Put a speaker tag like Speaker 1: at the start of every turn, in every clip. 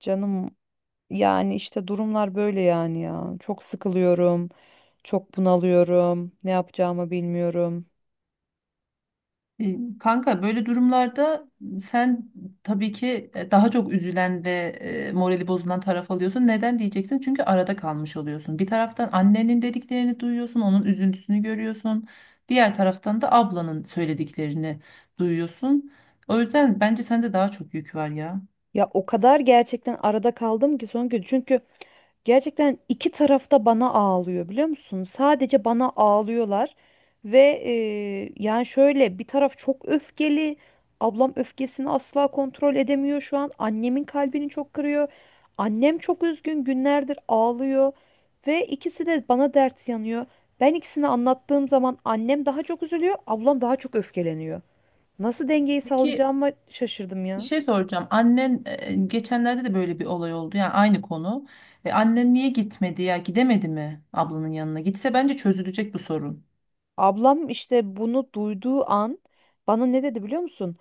Speaker 1: Canım, yani işte durumlar böyle yani ya. Çok sıkılıyorum. Çok bunalıyorum. Ne yapacağımı bilmiyorum.
Speaker 2: Kanka böyle durumlarda sen tabii ki daha çok üzülen ve morali bozulan taraf alıyorsun. Neden diyeceksin? Çünkü arada kalmış oluyorsun. Bir taraftan annenin dediklerini duyuyorsun, onun üzüntüsünü görüyorsun. Diğer taraftan da ablanın söylediklerini duyuyorsun. O yüzden bence sende daha çok yük var ya.
Speaker 1: Ya o kadar gerçekten arada kaldım ki son gün. Çünkü gerçekten iki tarafta bana ağlıyor biliyor musun? Sadece bana ağlıyorlar ve yani şöyle bir taraf çok öfkeli. Ablam öfkesini asla kontrol edemiyor şu an. Annemin kalbini çok kırıyor. Annem çok üzgün, günlerdir ağlıyor ve ikisi de bana dert yanıyor. Ben ikisini anlattığım zaman annem daha çok üzülüyor, ablam daha çok öfkeleniyor. Nasıl dengeyi
Speaker 2: Peki
Speaker 1: sağlayacağımı şaşırdım
Speaker 2: bir
Speaker 1: ya.
Speaker 2: şey soracağım. Annen geçenlerde de böyle bir olay oldu. Yani aynı konu. Annen niye gitmedi ya? Gidemedi mi ablanın yanına? Gitse bence çözülecek bu sorun.
Speaker 1: Ablam işte bunu duyduğu an bana ne dedi biliyor musun?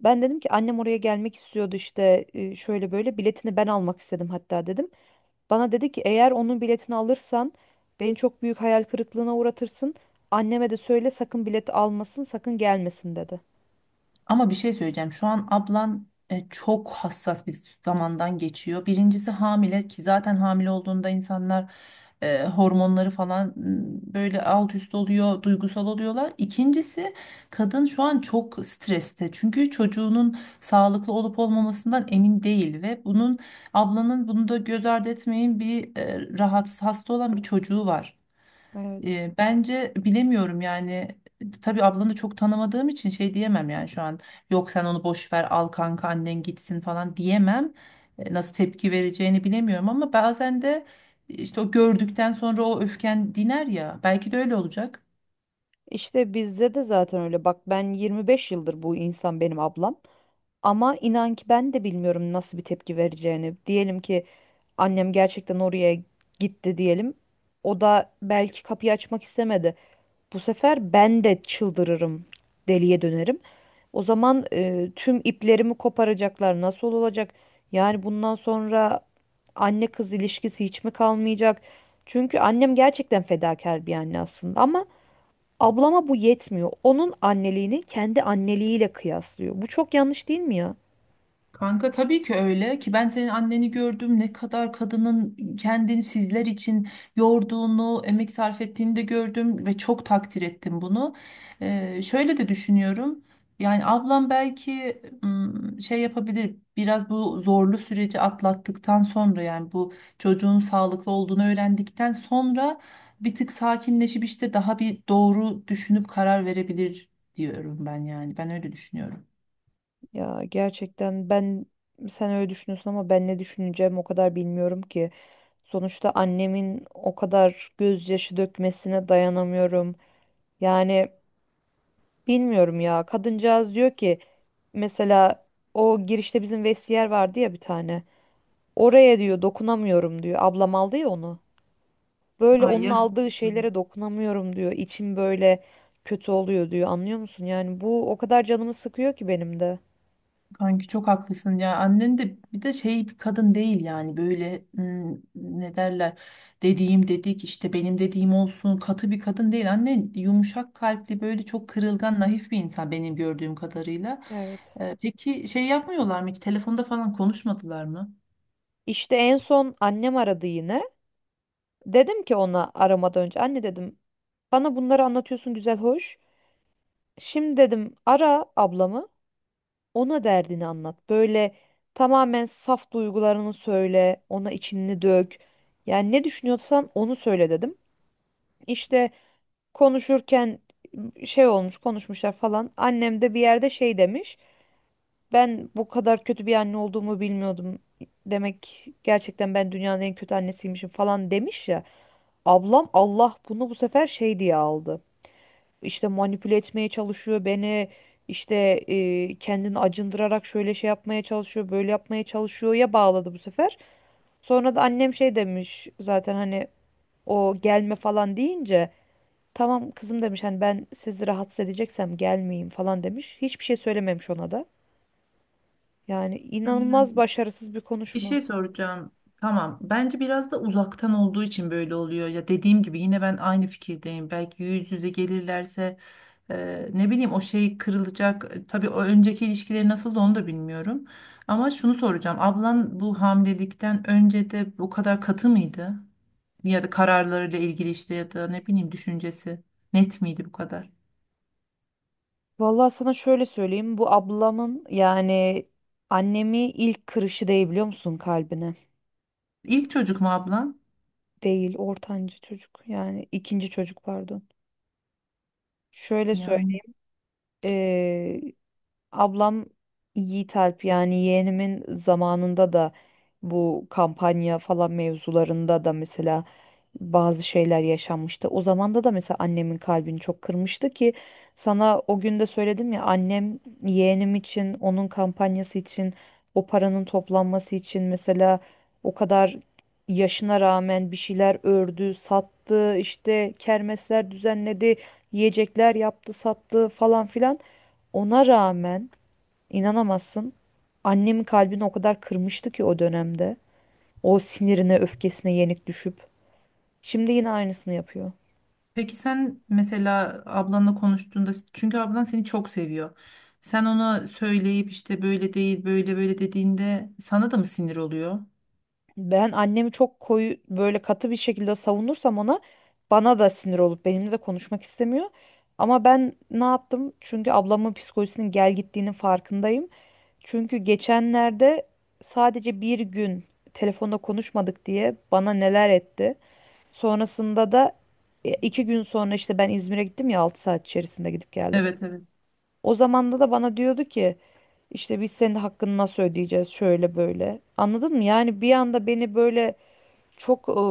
Speaker 1: Ben dedim ki annem oraya gelmek istiyordu, işte şöyle böyle biletini ben almak istedim hatta dedim. Bana dedi ki eğer onun biletini alırsan beni çok büyük hayal kırıklığına uğratırsın. Anneme de söyle sakın bilet almasın, sakın gelmesin dedi.
Speaker 2: Ama bir şey söyleyeceğim. Şu an ablan çok hassas bir zamandan geçiyor. Birincisi hamile ki zaten hamile olduğunda insanlar hormonları böyle alt üst oluyor, duygusal oluyorlar. İkincisi kadın şu an çok streste. Çünkü çocuğunun sağlıklı olup olmamasından emin değil ve bunun ablanın bunu da göz ardı etmeyin bir rahatsız hasta olan bir çocuğu var.
Speaker 1: Evet.
Speaker 2: Bence bilemiyorum yani tabii ablanı çok tanımadığım için şey diyemem yani şu an yok sen onu boş ver al kanka annen gitsin falan diyemem. Nasıl tepki vereceğini bilemiyorum ama bazen de işte o gördükten sonra o öfken diner ya belki de öyle olacak.
Speaker 1: İşte bizde de zaten öyle. Bak ben 25 yıldır bu insan benim ablam. Ama inan ki ben de bilmiyorum nasıl bir tepki vereceğini. Diyelim ki annem gerçekten oraya gitti diyelim. O da belki kapıyı açmak istemedi. Bu sefer ben de çıldırırım, deliye dönerim. O zaman tüm iplerimi koparacaklar. Nasıl olacak? Yani bundan sonra anne kız ilişkisi hiç mi kalmayacak? Çünkü annem gerçekten fedakar bir anne aslında, ama ablama bu yetmiyor. Onun anneliğini kendi anneliğiyle kıyaslıyor. Bu çok yanlış değil mi ya?
Speaker 2: Kanka tabii ki öyle ki ben senin anneni gördüm ne kadar kadının kendini sizler için yorduğunu, emek sarf ettiğini de gördüm ve çok takdir ettim bunu. Şöyle de düşünüyorum. Yani ablam belki şey yapabilir biraz bu zorlu süreci atlattıktan sonra yani bu çocuğun sağlıklı olduğunu öğrendikten sonra bir tık sakinleşip işte daha bir doğru düşünüp karar verebilir diyorum ben yani ben öyle düşünüyorum.
Speaker 1: Ya gerçekten ben, sen öyle düşünüyorsun ama ben ne düşüneceğim o kadar bilmiyorum ki. Sonuçta annemin o kadar gözyaşı dökmesine dayanamıyorum. Yani bilmiyorum ya. Kadıncağız diyor ki, mesela o girişte bizim vestiyer vardı ya bir tane. Oraya diyor dokunamıyorum diyor. Ablam aldı ya onu. Böyle
Speaker 2: Ay
Speaker 1: onun
Speaker 2: yazık.
Speaker 1: aldığı şeylere dokunamıyorum diyor. İçim böyle kötü oluyor diyor. Anlıyor musun? Yani bu o kadar canımı sıkıyor ki benim de.
Speaker 2: Kanki çok haklısın ya. Annen de bir de şey bir kadın değil yani böyle ne derler dediğim dedik işte benim dediğim olsun katı bir kadın değil. Annen yumuşak kalpli böyle çok kırılgan naif bir insan benim gördüğüm kadarıyla.
Speaker 1: Evet.
Speaker 2: Peki şey yapmıyorlar mı hiç telefonda falan konuşmadılar mı?
Speaker 1: İşte en son annem aradı yine. Dedim ki ona, aramadan önce, anne dedim, bana bunları anlatıyorsun güzel hoş. Şimdi dedim ara ablamı. Ona derdini anlat. Böyle tamamen saf duygularını söyle, ona içini dök. Yani ne düşünüyorsan onu söyle dedim. İşte konuşurken şey olmuş, konuşmuşlar falan. Annem de bir yerde şey demiş. Ben bu kadar kötü bir anne olduğumu bilmiyordum. Demek gerçekten ben dünyanın en kötü annesiymişim falan demiş ya. Ablam Allah bunu bu sefer şey diye aldı. İşte manipüle etmeye çalışıyor beni, işte kendini acındırarak şöyle şey yapmaya çalışıyor böyle yapmaya çalışıyor ya, bağladı bu sefer. Sonra da annem şey demiş zaten, hani o gelme falan deyince, tamam kızım demiş, hani ben sizi rahatsız edeceksem gelmeyeyim falan demiş. Hiçbir şey söylememiş ona da. Yani inanılmaz
Speaker 2: Hmm.
Speaker 1: başarısız bir
Speaker 2: Bir
Speaker 1: konuşma.
Speaker 2: şey soracağım. Tamam. Bence biraz da uzaktan olduğu için böyle oluyor. Ya dediğim gibi yine ben aynı fikirdeyim. Belki yüz yüze gelirlerse ne bileyim o şey kırılacak. Tabii o önceki ilişkileri nasıldı onu da bilmiyorum. Ama şunu soracağım. Ablan bu hamilelikten önce de bu kadar katı mıydı? Ya da kararlarıyla ilgili işte ya da ne bileyim düşüncesi net miydi bu kadar?
Speaker 1: Vallahi sana şöyle söyleyeyim, bu ablamın yani annemi ilk kırışı değil biliyor musun kalbine?
Speaker 2: İlk çocuk mu ablan?
Speaker 1: Değil, ortanca çocuk, yani ikinci çocuk pardon. Şöyle söyle,
Speaker 2: Yani.
Speaker 1: ablam Yiğit Alp yani yeğenimin zamanında da bu kampanya falan mevzularında da, mesela, bazı şeyler yaşanmıştı. O zamanda da mesela annemin kalbini çok kırmıştı ki, sana o gün de söyledim ya, annem yeğenim için, onun kampanyası için, o paranın toplanması için mesela, o kadar yaşına rağmen bir şeyler ördü, sattı, işte kermesler düzenledi, yiyecekler yaptı, sattı falan filan. Ona rağmen İnanamazsın. Annemin kalbini o kadar kırmıştı ki o dönemde. O sinirine, öfkesine yenik düşüp. Şimdi yine aynısını yapıyor.
Speaker 2: Peki sen mesela ablanla konuştuğunda çünkü ablan seni çok seviyor. Sen ona söyleyip işte böyle değil böyle böyle dediğinde sana da mı sinir oluyor?
Speaker 1: Ben annemi çok koyu, böyle katı bir şekilde savunursam ona, bana da sinir olup benimle de konuşmak istemiyor. Ama ben ne yaptım? Çünkü ablamın psikolojisinin gel gittiğinin farkındayım. Çünkü geçenlerde sadece bir gün telefonda konuşmadık diye bana neler etti. Sonrasında da iki gün sonra işte ben İzmir'e gittim ya, 6 saat içerisinde gidip geldim.
Speaker 2: Evet, evet.
Speaker 1: O zamanda da bana diyordu ki işte biz senin hakkını nasıl ödeyeceğiz, şöyle böyle. Anladın mı? Yani bir anda beni böyle çok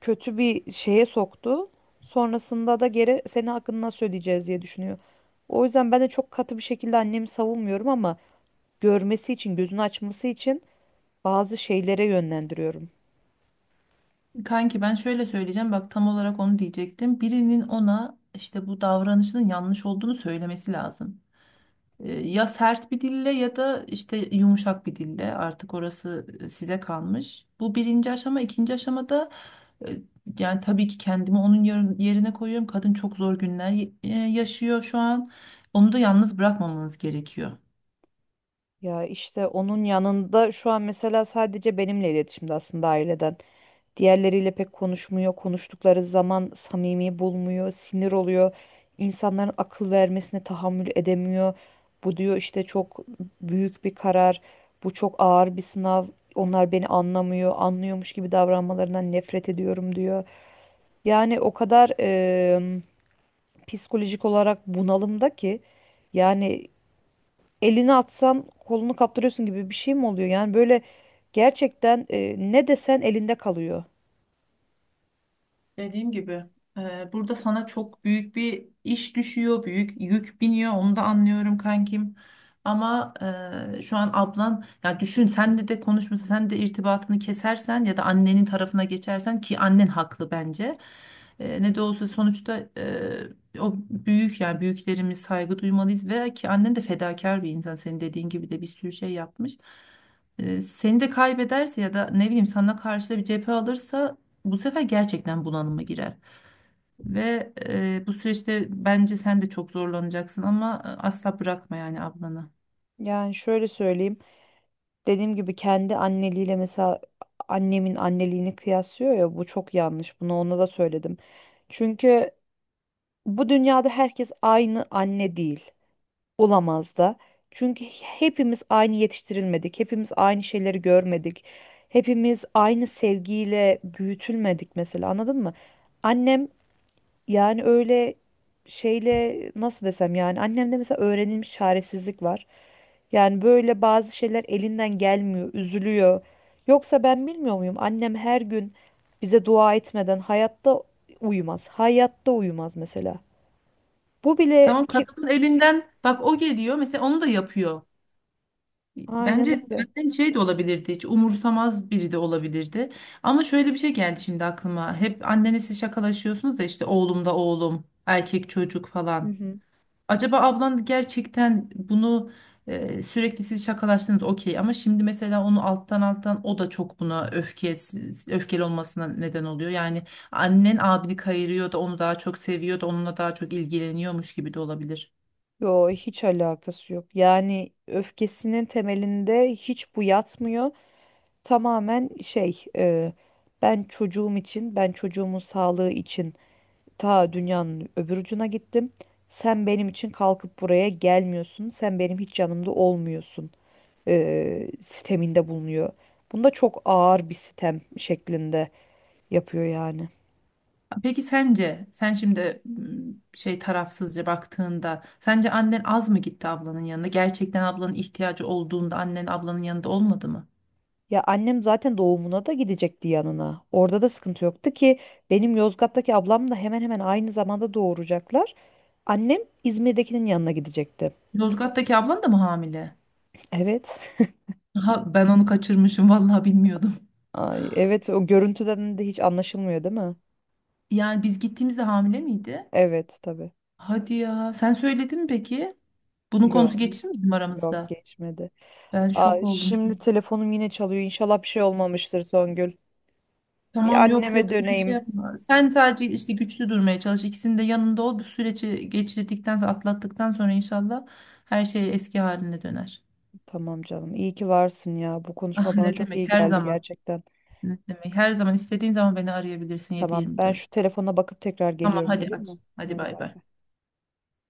Speaker 1: kötü bir şeye soktu. Sonrasında da geri senin hakkını nasıl ödeyeceğiz diye düşünüyor. O yüzden ben de çok katı bir şekilde annemi savunmuyorum, ama görmesi için, gözünü açması için bazı şeylere yönlendiriyorum.
Speaker 2: Kanki ben şöyle söyleyeceğim bak tam olarak onu diyecektim. Birinin ona işte bu davranışının yanlış olduğunu söylemesi lazım. Ya sert bir dille ya da işte yumuşak bir dille artık orası size kalmış. Bu birinci aşama. İkinci aşamada e, yani tabii ki kendimi onun yerine koyuyorum. Kadın çok zor günler yaşıyor şu an. Onu da yalnız bırakmamanız gerekiyor.
Speaker 1: Ya işte onun yanında şu an mesela sadece benimle iletişimde aslında, aileden. Diğerleriyle pek konuşmuyor. Konuştukları zaman samimi bulmuyor, sinir oluyor. İnsanların akıl vermesine tahammül edemiyor. Bu diyor işte çok büyük bir karar, bu çok ağır bir sınav. Onlar beni anlamıyor, anlıyormuş gibi davranmalarından nefret ediyorum diyor. Yani o kadar psikolojik olarak bunalımda ki, yani elini atsan kolunu kaptırıyorsun gibi bir şey mi oluyor? Yani böyle gerçekten ne desen elinde kalıyor.
Speaker 2: Dediğim gibi burada sana çok büyük bir iş düşüyor, büyük yük biniyor. Onu da anlıyorum kankim. Ama şu an ablan ya düşün sen de konuşması, sen de irtibatını kesersen ya da annenin tarafına geçersen ki annen haklı bence. Ne de olsa sonuçta o büyük yani büyüklerimiz saygı duymalıyız ve ki annen de fedakar bir insan. Senin dediğin gibi de bir sürü şey yapmış. Seni de kaybederse ya da ne bileyim sana karşı da bir cephe alırsa bu sefer gerçekten bunalıma girer. Ve bu süreçte bence sen de çok zorlanacaksın ama asla bırakma yani ablanı.
Speaker 1: Yani şöyle söyleyeyim. Dediğim gibi kendi anneliğiyle, mesela, annemin anneliğini kıyaslıyor ya, bu çok yanlış. Bunu ona da söyledim. Çünkü bu dünyada herkes aynı anne değil. Olamaz da. Çünkü hepimiz aynı yetiştirilmedik. Hepimiz aynı şeyleri görmedik. Hepimiz aynı sevgiyle büyütülmedik mesela, anladın mı? Annem, yani öyle şeyle nasıl desem, yani annemde mesela öğrenilmiş çaresizlik var. Yani böyle bazı şeyler elinden gelmiyor, üzülüyor. Yoksa ben bilmiyor muyum? Annem her gün bize dua etmeden hayatta uyumaz. Hayatta uyumaz mesela. Bu bile
Speaker 2: Tamam,
Speaker 1: kim?
Speaker 2: kadının elinden bak o geliyor mesela onu da yapıyor.
Speaker 1: Aynen
Speaker 2: Bence
Speaker 1: öyle.
Speaker 2: annen şey de olabilirdi, hiç umursamaz biri de olabilirdi. Ama şöyle bir şey geldi şimdi aklıma. Hep annenle siz şakalaşıyorsunuz da işte oğlum da oğlum erkek çocuk
Speaker 1: Hı
Speaker 2: falan.
Speaker 1: hı.
Speaker 2: Acaba ablan gerçekten bunu sürekli siz şakalaştınız okey ama şimdi mesela onu alttan alttan o da çok buna öfkeli olmasına neden oluyor. Yani annen abini kayırıyor da onu daha çok seviyor da onunla daha çok ilgileniyormuş gibi de olabilir.
Speaker 1: Yo, hiç alakası yok. Yani öfkesinin temelinde hiç bu yatmıyor. Tamamen şey, ben çocuğum için, ben çocuğumun sağlığı için ta dünyanın öbür ucuna gittim. Sen benim için kalkıp buraya gelmiyorsun. Sen benim hiç yanımda olmuyorsun. Siteminde bulunuyor. Bunda çok ağır bir sitem şeklinde yapıyor yani.
Speaker 2: Peki sence sen şimdi şey tarafsızca baktığında sence annen az mı gitti ablanın yanına? Gerçekten ablanın ihtiyacı olduğunda annen ablanın yanında olmadı mı?
Speaker 1: Ya annem zaten doğumuna da gidecekti yanına. Orada da sıkıntı yoktu ki, benim Yozgat'taki ablam da hemen hemen aynı zamanda doğuracaklar. Annem İzmir'dekinin yanına gidecekti.
Speaker 2: Yozgat'taki ablan da mı hamile?
Speaker 1: Evet.
Speaker 2: Ha, ben onu kaçırmışım vallahi bilmiyordum.
Speaker 1: Ay, evet, o görüntüden de hiç anlaşılmıyor değil mi?
Speaker 2: Yani biz gittiğimizde hamile miydi?
Speaker 1: Evet tabii.
Speaker 2: Hadi ya. Sen söyledin mi peki? Bunun konusu
Speaker 1: Yok,
Speaker 2: geçti mi bizim
Speaker 1: yok
Speaker 2: aramızda?
Speaker 1: geçmedi.
Speaker 2: Ben
Speaker 1: Ay,
Speaker 2: şok oldum şu
Speaker 1: şimdi
Speaker 2: an.
Speaker 1: telefonum yine çalıyor. İnşallah bir şey olmamıştır, Songül. Bir
Speaker 2: Tamam, yok
Speaker 1: anneme
Speaker 2: yok, sen şey
Speaker 1: döneyim.
Speaker 2: yapma. Sen sadece işte güçlü durmaya çalış. İkisinin de yanında ol. Bu süreci geçirdikten sonra atlattıktan sonra inşallah her şey eski haline döner.
Speaker 1: Tamam canım. İyi ki varsın ya. Bu
Speaker 2: Ah
Speaker 1: konuşma bana
Speaker 2: ne
Speaker 1: çok
Speaker 2: demek
Speaker 1: iyi
Speaker 2: her Tamam.
Speaker 1: geldi
Speaker 2: zaman.
Speaker 1: gerçekten.
Speaker 2: Ne demek, her zaman istediğin zaman beni arayabilirsin
Speaker 1: Tamam. Ben
Speaker 2: 7-24.
Speaker 1: şu telefona bakıp tekrar
Speaker 2: Tamam
Speaker 1: geliyorum,
Speaker 2: hadi
Speaker 1: olur
Speaker 2: aç.
Speaker 1: mu?
Speaker 2: Hadi
Speaker 1: Hadi
Speaker 2: bay
Speaker 1: bay
Speaker 2: bay.
Speaker 1: bay.